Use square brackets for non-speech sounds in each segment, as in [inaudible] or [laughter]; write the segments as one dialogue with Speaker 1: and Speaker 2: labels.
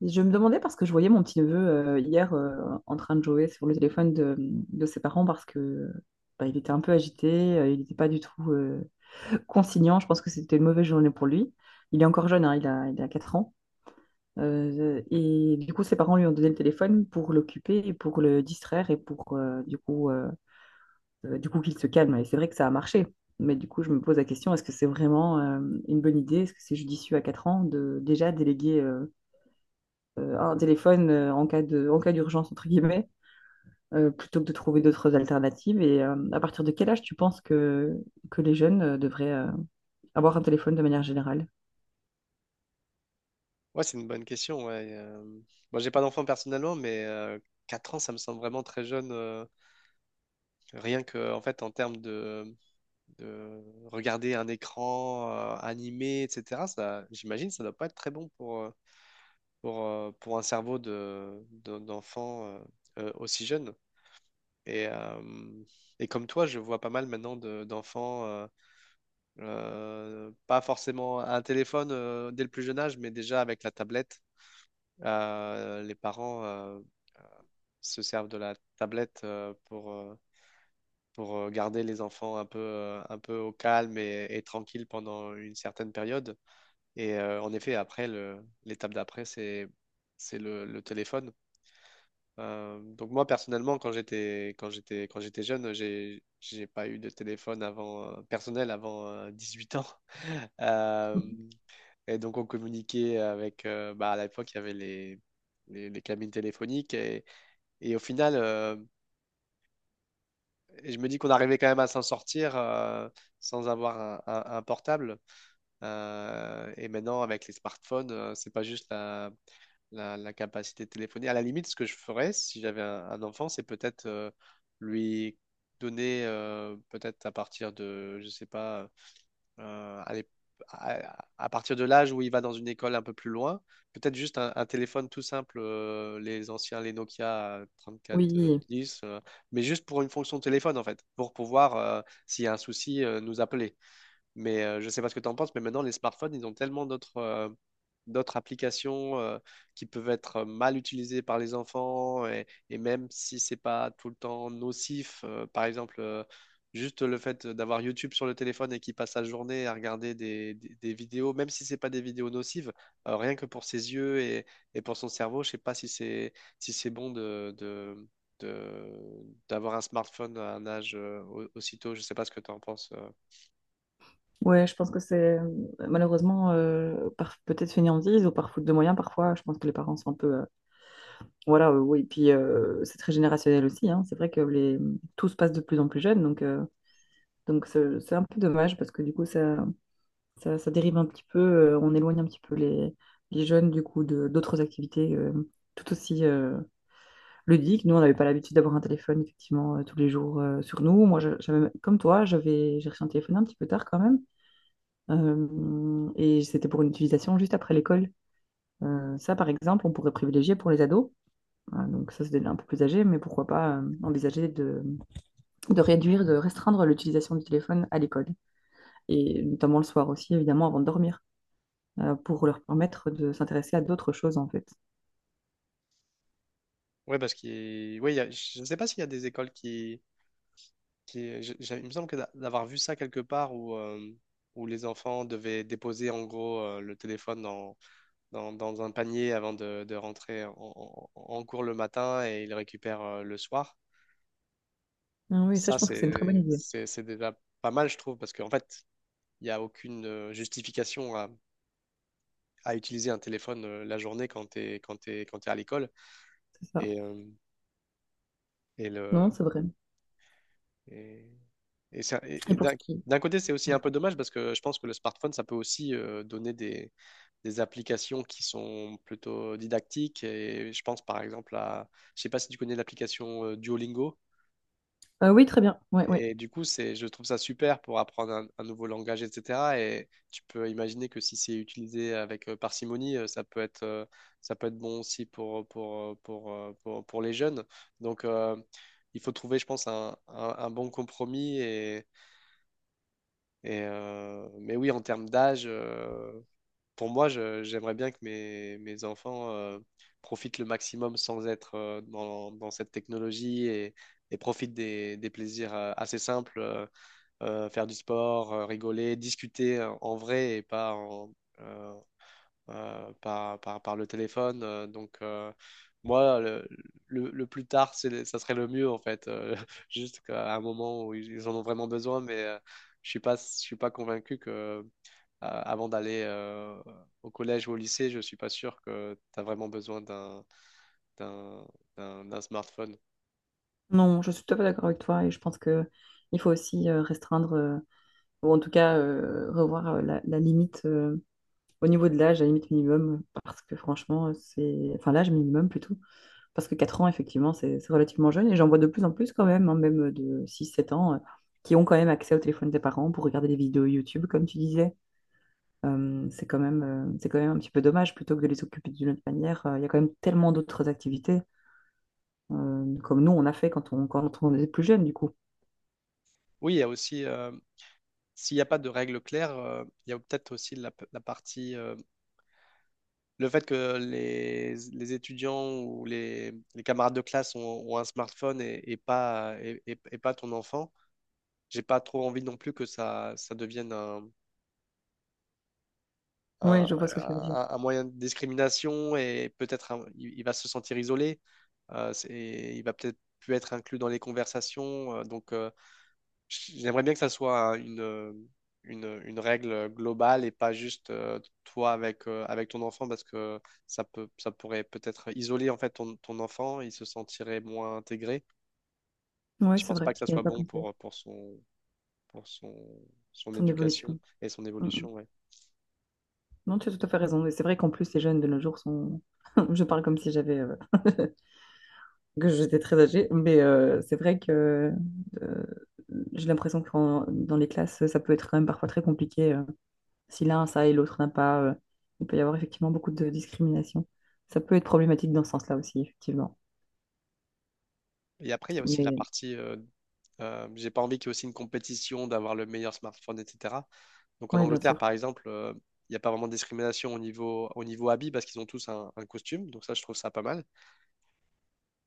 Speaker 1: Je me demandais parce que je voyais mon petit-neveu hier, en train de jouer sur le téléphone de ses parents parce que il était un peu agité, il n'était pas du tout conciliant. Je pense que c'était une mauvaise journée pour lui. Il est encore jeune, hein, il a 4 ans. Et du coup, ses parents lui ont donné le téléphone pour l'occuper et pour le distraire et pour du coup qu'il se calme. Et c'est vrai que ça a marché. Mais du coup, je me pose la question, est-ce que c'est vraiment une bonne idée? Est-ce que c'est judicieux à 4 ans de déjà déléguer un téléphone en cas en cas d'urgence, entre guillemets, plutôt que de trouver d'autres alternatives. À partir de quel âge tu penses que les jeunes devraient avoir un téléphone de manière générale?
Speaker 2: Ouais, c'est une bonne question. Ouais. Moi, j'ai pas d'enfant personnellement, mais 4 ans, ça me semble vraiment très jeune. Rien que, en fait, en termes de regarder un écran animé, etc., ça, j'imagine, ça doit pas être très bon pour un cerveau d'enfant aussi jeune. Et, euh, et comme toi, je vois pas mal maintenant d'enfants, pas forcément un téléphone dès le plus jeune âge, mais déjà avec la tablette. Les parents se servent de la tablette pour, garder les enfants un peu au calme et tranquille pendant une certaine période. En effet, après, l'étape d'après, c'est le téléphone. Donc moi, personnellement, quand j'étais jeune, j'ai pas eu de téléphone avant, personnel avant 18 ans. [laughs] Euh, et donc, on communiquait avec, bah, à l'époque, il y avait les cabines téléphoniques. Et au final, euh, Et je me dis qu'on arrivait quand même à s'en sortir sans avoir un portable. Et maintenant, avec les smartphones, c'est pas juste la capacité de téléphoner. À la limite, ce que je ferais si j'avais un enfant, c'est peut-être lui donner, peut-être à partir de, je sais pas, euh, à, l'ép- à partir de l'âge où il va dans une école un peu plus loin, peut-être juste un téléphone tout simple, les anciens, les Nokia
Speaker 1: Oui,
Speaker 2: 3410, mais juste pour une fonction téléphone en fait, pour pouvoir, s'il y a un souci, nous appeler. Mais je ne sais pas ce que tu en penses, mais maintenant, les smartphones, ils ont tellement d'autres applications qui peuvent être mal utilisées par les enfants, et même si c'est pas tout le temps nocif, par exemple, juste le fait d'avoir YouTube sur le téléphone et qui passe sa journée à regarder des vidéos, même si c'est pas des vidéos nocives, rien que pour ses yeux et pour son cerveau, je sais pas si c'est bon d'avoir un smartphone à un âge aussitôt. Je sais pas ce que tu en penses.
Speaker 1: ouais, je pense que c'est malheureusement par peut-être fainéantise ou par faute de moyens parfois. Je pense que les parents sont un peu, voilà, oui. Puis c'est très générationnel aussi, hein. C'est vrai que les tout se passe de plus en plus jeune, donc c'est un peu dommage parce que du coup ça dérive un petit peu, on éloigne un petit peu les jeunes du coup de d'autres activités tout aussi ludiques. Nous, on n'avait pas l'habitude d'avoir un téléphone effectivement tous les jours sur nous. Moi, comme toi, j'ai reçu un téléphone un petit peu tard quand même. Et c'était pour une utilisation juste après l'école. Ça, par exemple, on pourrait privilégier pour les ados. Donc ça, c'est un peu plus âgé, mais pourquoi pas envisager de réduire, de restreindre l'utilisation du téléphone à l'école, et notamment le soir aussi, évidemment, avant de dormir. Pour leur permettre de s'intéresser à d'autres choses, en fait.
Speaker 2: Ouais parce qu'il ouais il y je ne sais pas s'il y a des écoles qui... Il me semble que d'avoir vu ça quelque part où, où les enfants devaient déposer en gros le téléphone dans un panier avant de rentrer en cours le matin et ils le récupèrent le soir.
Speaker 1: Ah oui, ça,
Speaker 2: Ça,
Speaker 1: je pense que c'est une très bonne
Speaker 2: c'est
Speaker 1: idée.
Speaker 2: c'est c'est déjà pas mal, je trouve, parce qu'en fait, il n'y a aucune justification à utiliser un téléphone la journée quand tu es, quand t'es à l'école.
Speaker 1: C'est ça.
Speaker 2: Et, euh, et,
Speaker 1: Non,
Speaker 2: le,
Speaker 1: c'est vrai.
Speaker 2: et et, ça-
Speaker 1: Et
Speaker 2: et
Speaker 1: pour
Speaker 2: d'un
Speaker 1: ce qui...
Speaker 2: D'un côté, c'est aussi un
Speaker 1: Pardon.
Speaker 2: peu dommage parce que je pense que le smartphone, ça peut aussi donner des applications qui sont plutôt didactiques. Et je pense par exemple à, je sais pas si tu connais l'application Duolingo.
Speaker 1: Oui, très bien. Oui, oui.
Speaker 2: Et du coup, c'est, je trouve ça super pour apprendre un nouveau langage, etc. Et tu peux imaginer que si c'est utilisé avec parcimonie, ça peut être bon aussi pour les jeunes. Donc, il faut trouver, je pense, un bon compromis et mais oui, en termes d'âge, pour moi, j'aimerais bien que mes enfants profitent le maximum sans être dans cette technologie et profitent des plaisirs assez simples, faire du sport, rigoler, discuter en vrai et pas euh, par le téléphone. Donc, moi, le plus tard, c'est, ça serait le mieux, en fait. [laughs] Juste qu'à un moment où ils en ont vraiment besoin, mais je suis pas convaincu que, avant d'aller au collège ou au lycée, je suis pas sûr que tu as vraiment besoin d'un, d'un smartphone.
Speaker 1: Non, je suis tout à fait d'accord avec toi et je pense que il faut aussi restreindre, ou en tout cas revoir la limite au niveau de l'âge, la limite minimum, parce que franchement, c'est... Enfin, l'âge minimum plutôt, parce que 4 ans, effectivement, c'est relativement jeune et j'en vois de plus en plus quand même, hein, même de 6 7 ans, qui ont quand même accès au téléphone des parents pour regarder des vidéos YouTube, comme tu disais. C'est quand même un petit peu dommage plutôt que de les occuper d'une autre manière. Il y a quand même tellement d'autres activités, comme nous, on a fait quand on était plus jeune, du coup.
Speaker 2: Oui, il y a aussi, s'il n'y a pas de règles claires, il y a peut-être aussi la partie. Le fait que les étudiants ou les camarades de classe ont un smartphone et pas ton enfant, j'ai pas trop envie non plus que ça devienne un-
Speaker 1: Oui, je vois ce que tu veux dire.
Speaker 2: un moyen de discrimination et peut-être il va se sentir isolé, et il va peut-être plus être inclus dans les conversations. J'aimerais bien que ça soit une règle globale et pas juste toi avec, avec ton enfant parce que ça pourrait peut-être isoler en fait ton enfant, il se sentirait moins intégré. Et
Speaker 1: Oui,
Speaker 2: je
Speaker 1: c'est
Speaker 2: pense pas
Speaker 1: vrai,
Speaker 2: que
Speaker 1: je
Speaker 2: ça
Speaker 1: n'y
Speaker 2: soit
Speaker 1: avais pas
Speaker 2: bon
Speaker 1: pensé.
Speaker 2: pour son, son
Speaker 1: Ton
Speaker 2: éducation
Speaker 1: évolution.
Speaker 2: et son
Speaker 1: Mm, mm.
Speaker 2: évolution. Ouais.
Speaker 1: Non, tu as tout à fait raison. Et c'est vrai qu'en plus, les jeunes de nos jours sont. [laughs] Je parle comme si j'avais, [laughs] que j'étais très âgée, mais c'est vrai que euh, j'ai l'impression que dans les classes, ça peut être quand même parfois très compliqué. Si l'un a ça et l'autre n'a pas, il peut y avoir effectivement beaucoup de discrimination. Ça peut être problématique dans ce sens-là aussi, effectivement.
Speaker 2: Et après, il y a aussi la
Speaker 1: Mais
Speaker 2: partie j'ai pas envie qu'il y ait aussi une compétition d'avoir le meilleur smartphone, etc. Donc en
Speaker 1: oui, bien
Speaker 2: Angleterre,
Speaker 1: sûr.
Speaker 2: par exemple, il n'y a pas vraiment de discrimination au niveau habit parce qu'ils ont tous un costume. Donc ça, je trouve ça pas mal.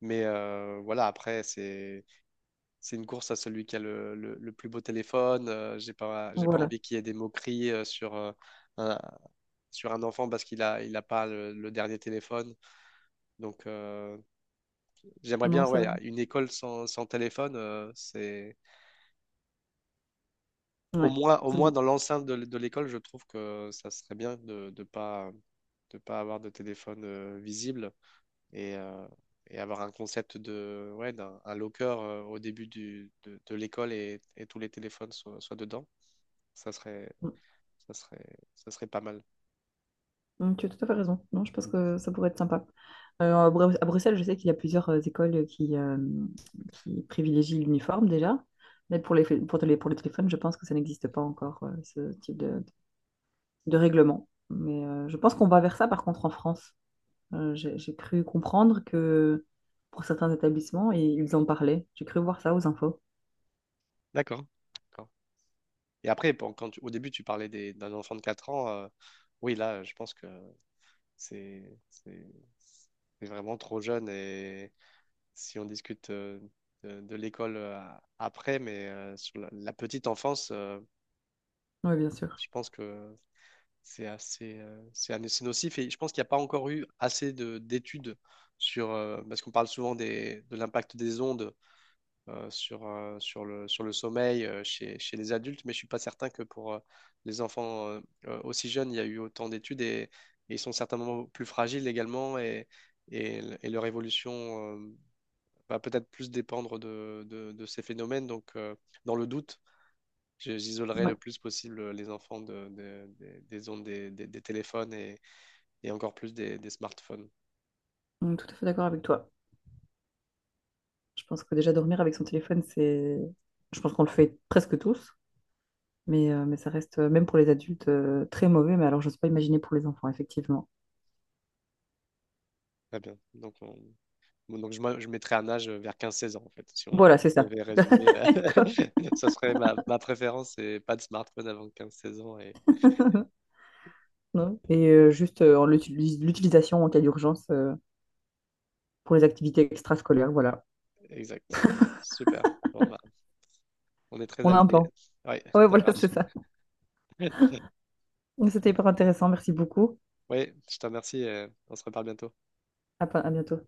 Speaker 2: Mais voilà, après, c'est une course à celui qui a le plus beau téléphone. J'ai pas
Speaker 1: Voilà.
Speaker 2: envie qu'il y ait des moqueries un, sur un enfant parce qu'il a, il a pas le dernier téléphone. Donc, j'aimerais
Speaker 1: Non,
Speaker 2: bien,
Speaker 1: c'est
Speaker 2: ouais,
Speaker 1: vrai.
Speaker 2: une école sans téléphone, c'est
Speaker 1: Ouais.
Speaker 2: au moins
Speaker 1: C'est-
Speaker 2: dans l'enceinte de l'école, je trouve que ça serait bien de pas avoir de téléphone visible. Et et avoir un concept de, ouais, d'un un locker au début de l'école et tous les téléphones soient dedans, ça serait,
Speaker 1: Mm.
Speaker 2: ça serait, ça serait pas mal.
Speaker 1: Mm, tu as tout à fait raison. Non, je pense que ça pourrait être sympa. À à Bruxelles, je sais qu'il y a plusieurs écoles qui privilégient l'uniforme déjà. Mais pour pour les téléphones, je pense que ça n'existe pas encore, ce type de règlement. Mais je pense qu'on va vers ça, par contre, en France. J'ai cru comprendre que pour certains établissements, et ils en parlaient. J'ai cru voir ça aux infos.
Speaker 2: D'accord. D'accord. Et après, bon, au début, tu parlais d'un enfant de 4 ans. Oui, là, je pense que c'est c'est- c'est vraiment trop jeune. Et si on discute de l'école après, mais sur la petite enfance,
Speaker 1: Oui, bien sûr.
Speaker 2: je pense que c'est assez, c'est nocif et je pense qu'il n'y a pas encore eu assez de d'études sur, parce qu'on parle souvent de l'impact des ondes sur sur le sommeil chez, chez les adultes, mais je ne suis pas certain que pour les enfants aussi jeunes, il y a eu autant d'études et ils sont certainement plus fragiles également et leur évolution va peut-être plus dépendre de ces phénomènes. Donc, dans le doute, j'isolerai
Speaker 1: Oui,
Speaker 2: le plus possible les enfants des ondes des téléphones et encore plus des smartphones.
Speaker 1: on est tout à fait d'accord avec toi. Je pense que déjà dormir avec son téléphone, c'est... Je pense qu'on le fait presque tous, mais ça reste, même pour les adultes, très mauvais. Mais alors, je n'ose pas imaginer pour les enfants, effectivement.
Speaker 2: Très bien. Donc, je mettrais un âge vers 15 16 ans, en fait. Si on
Speaker 1: Voilà, c'est ça.
Speaker 2: devait résumer,
Speaker 1: [laughs] Quoi
Speaker 2: [laughs] ça serait ma préférence, c'est pas de smartphone avant 15 16 ans. Et...
Speaker 1: [laughs] Non. Et juste en l'utilisation en cas d'urgence, pour les activités extrascolaires, voilà.
Speaker 2: Exact. Super. Bon, bah, on est très
Speaker 1: On a un
Speaker 2: alignés.
Speaker 1: plan.
Speaker 2: Oui, [laughs]
Speaker 1: Ouais,
Speaker 2: ça
Speaker 1: voilà, [laughs]
Speaker 2: marche.
Speaker 1: c'est ça.
Speaker 2: [laughs]
Speaker 1: C'était hyper intéressant. Merci beaucoup.
Speaker 2: Oui, je te remercie. On se reparle bientôt.
Speaker 1: À à bientôt.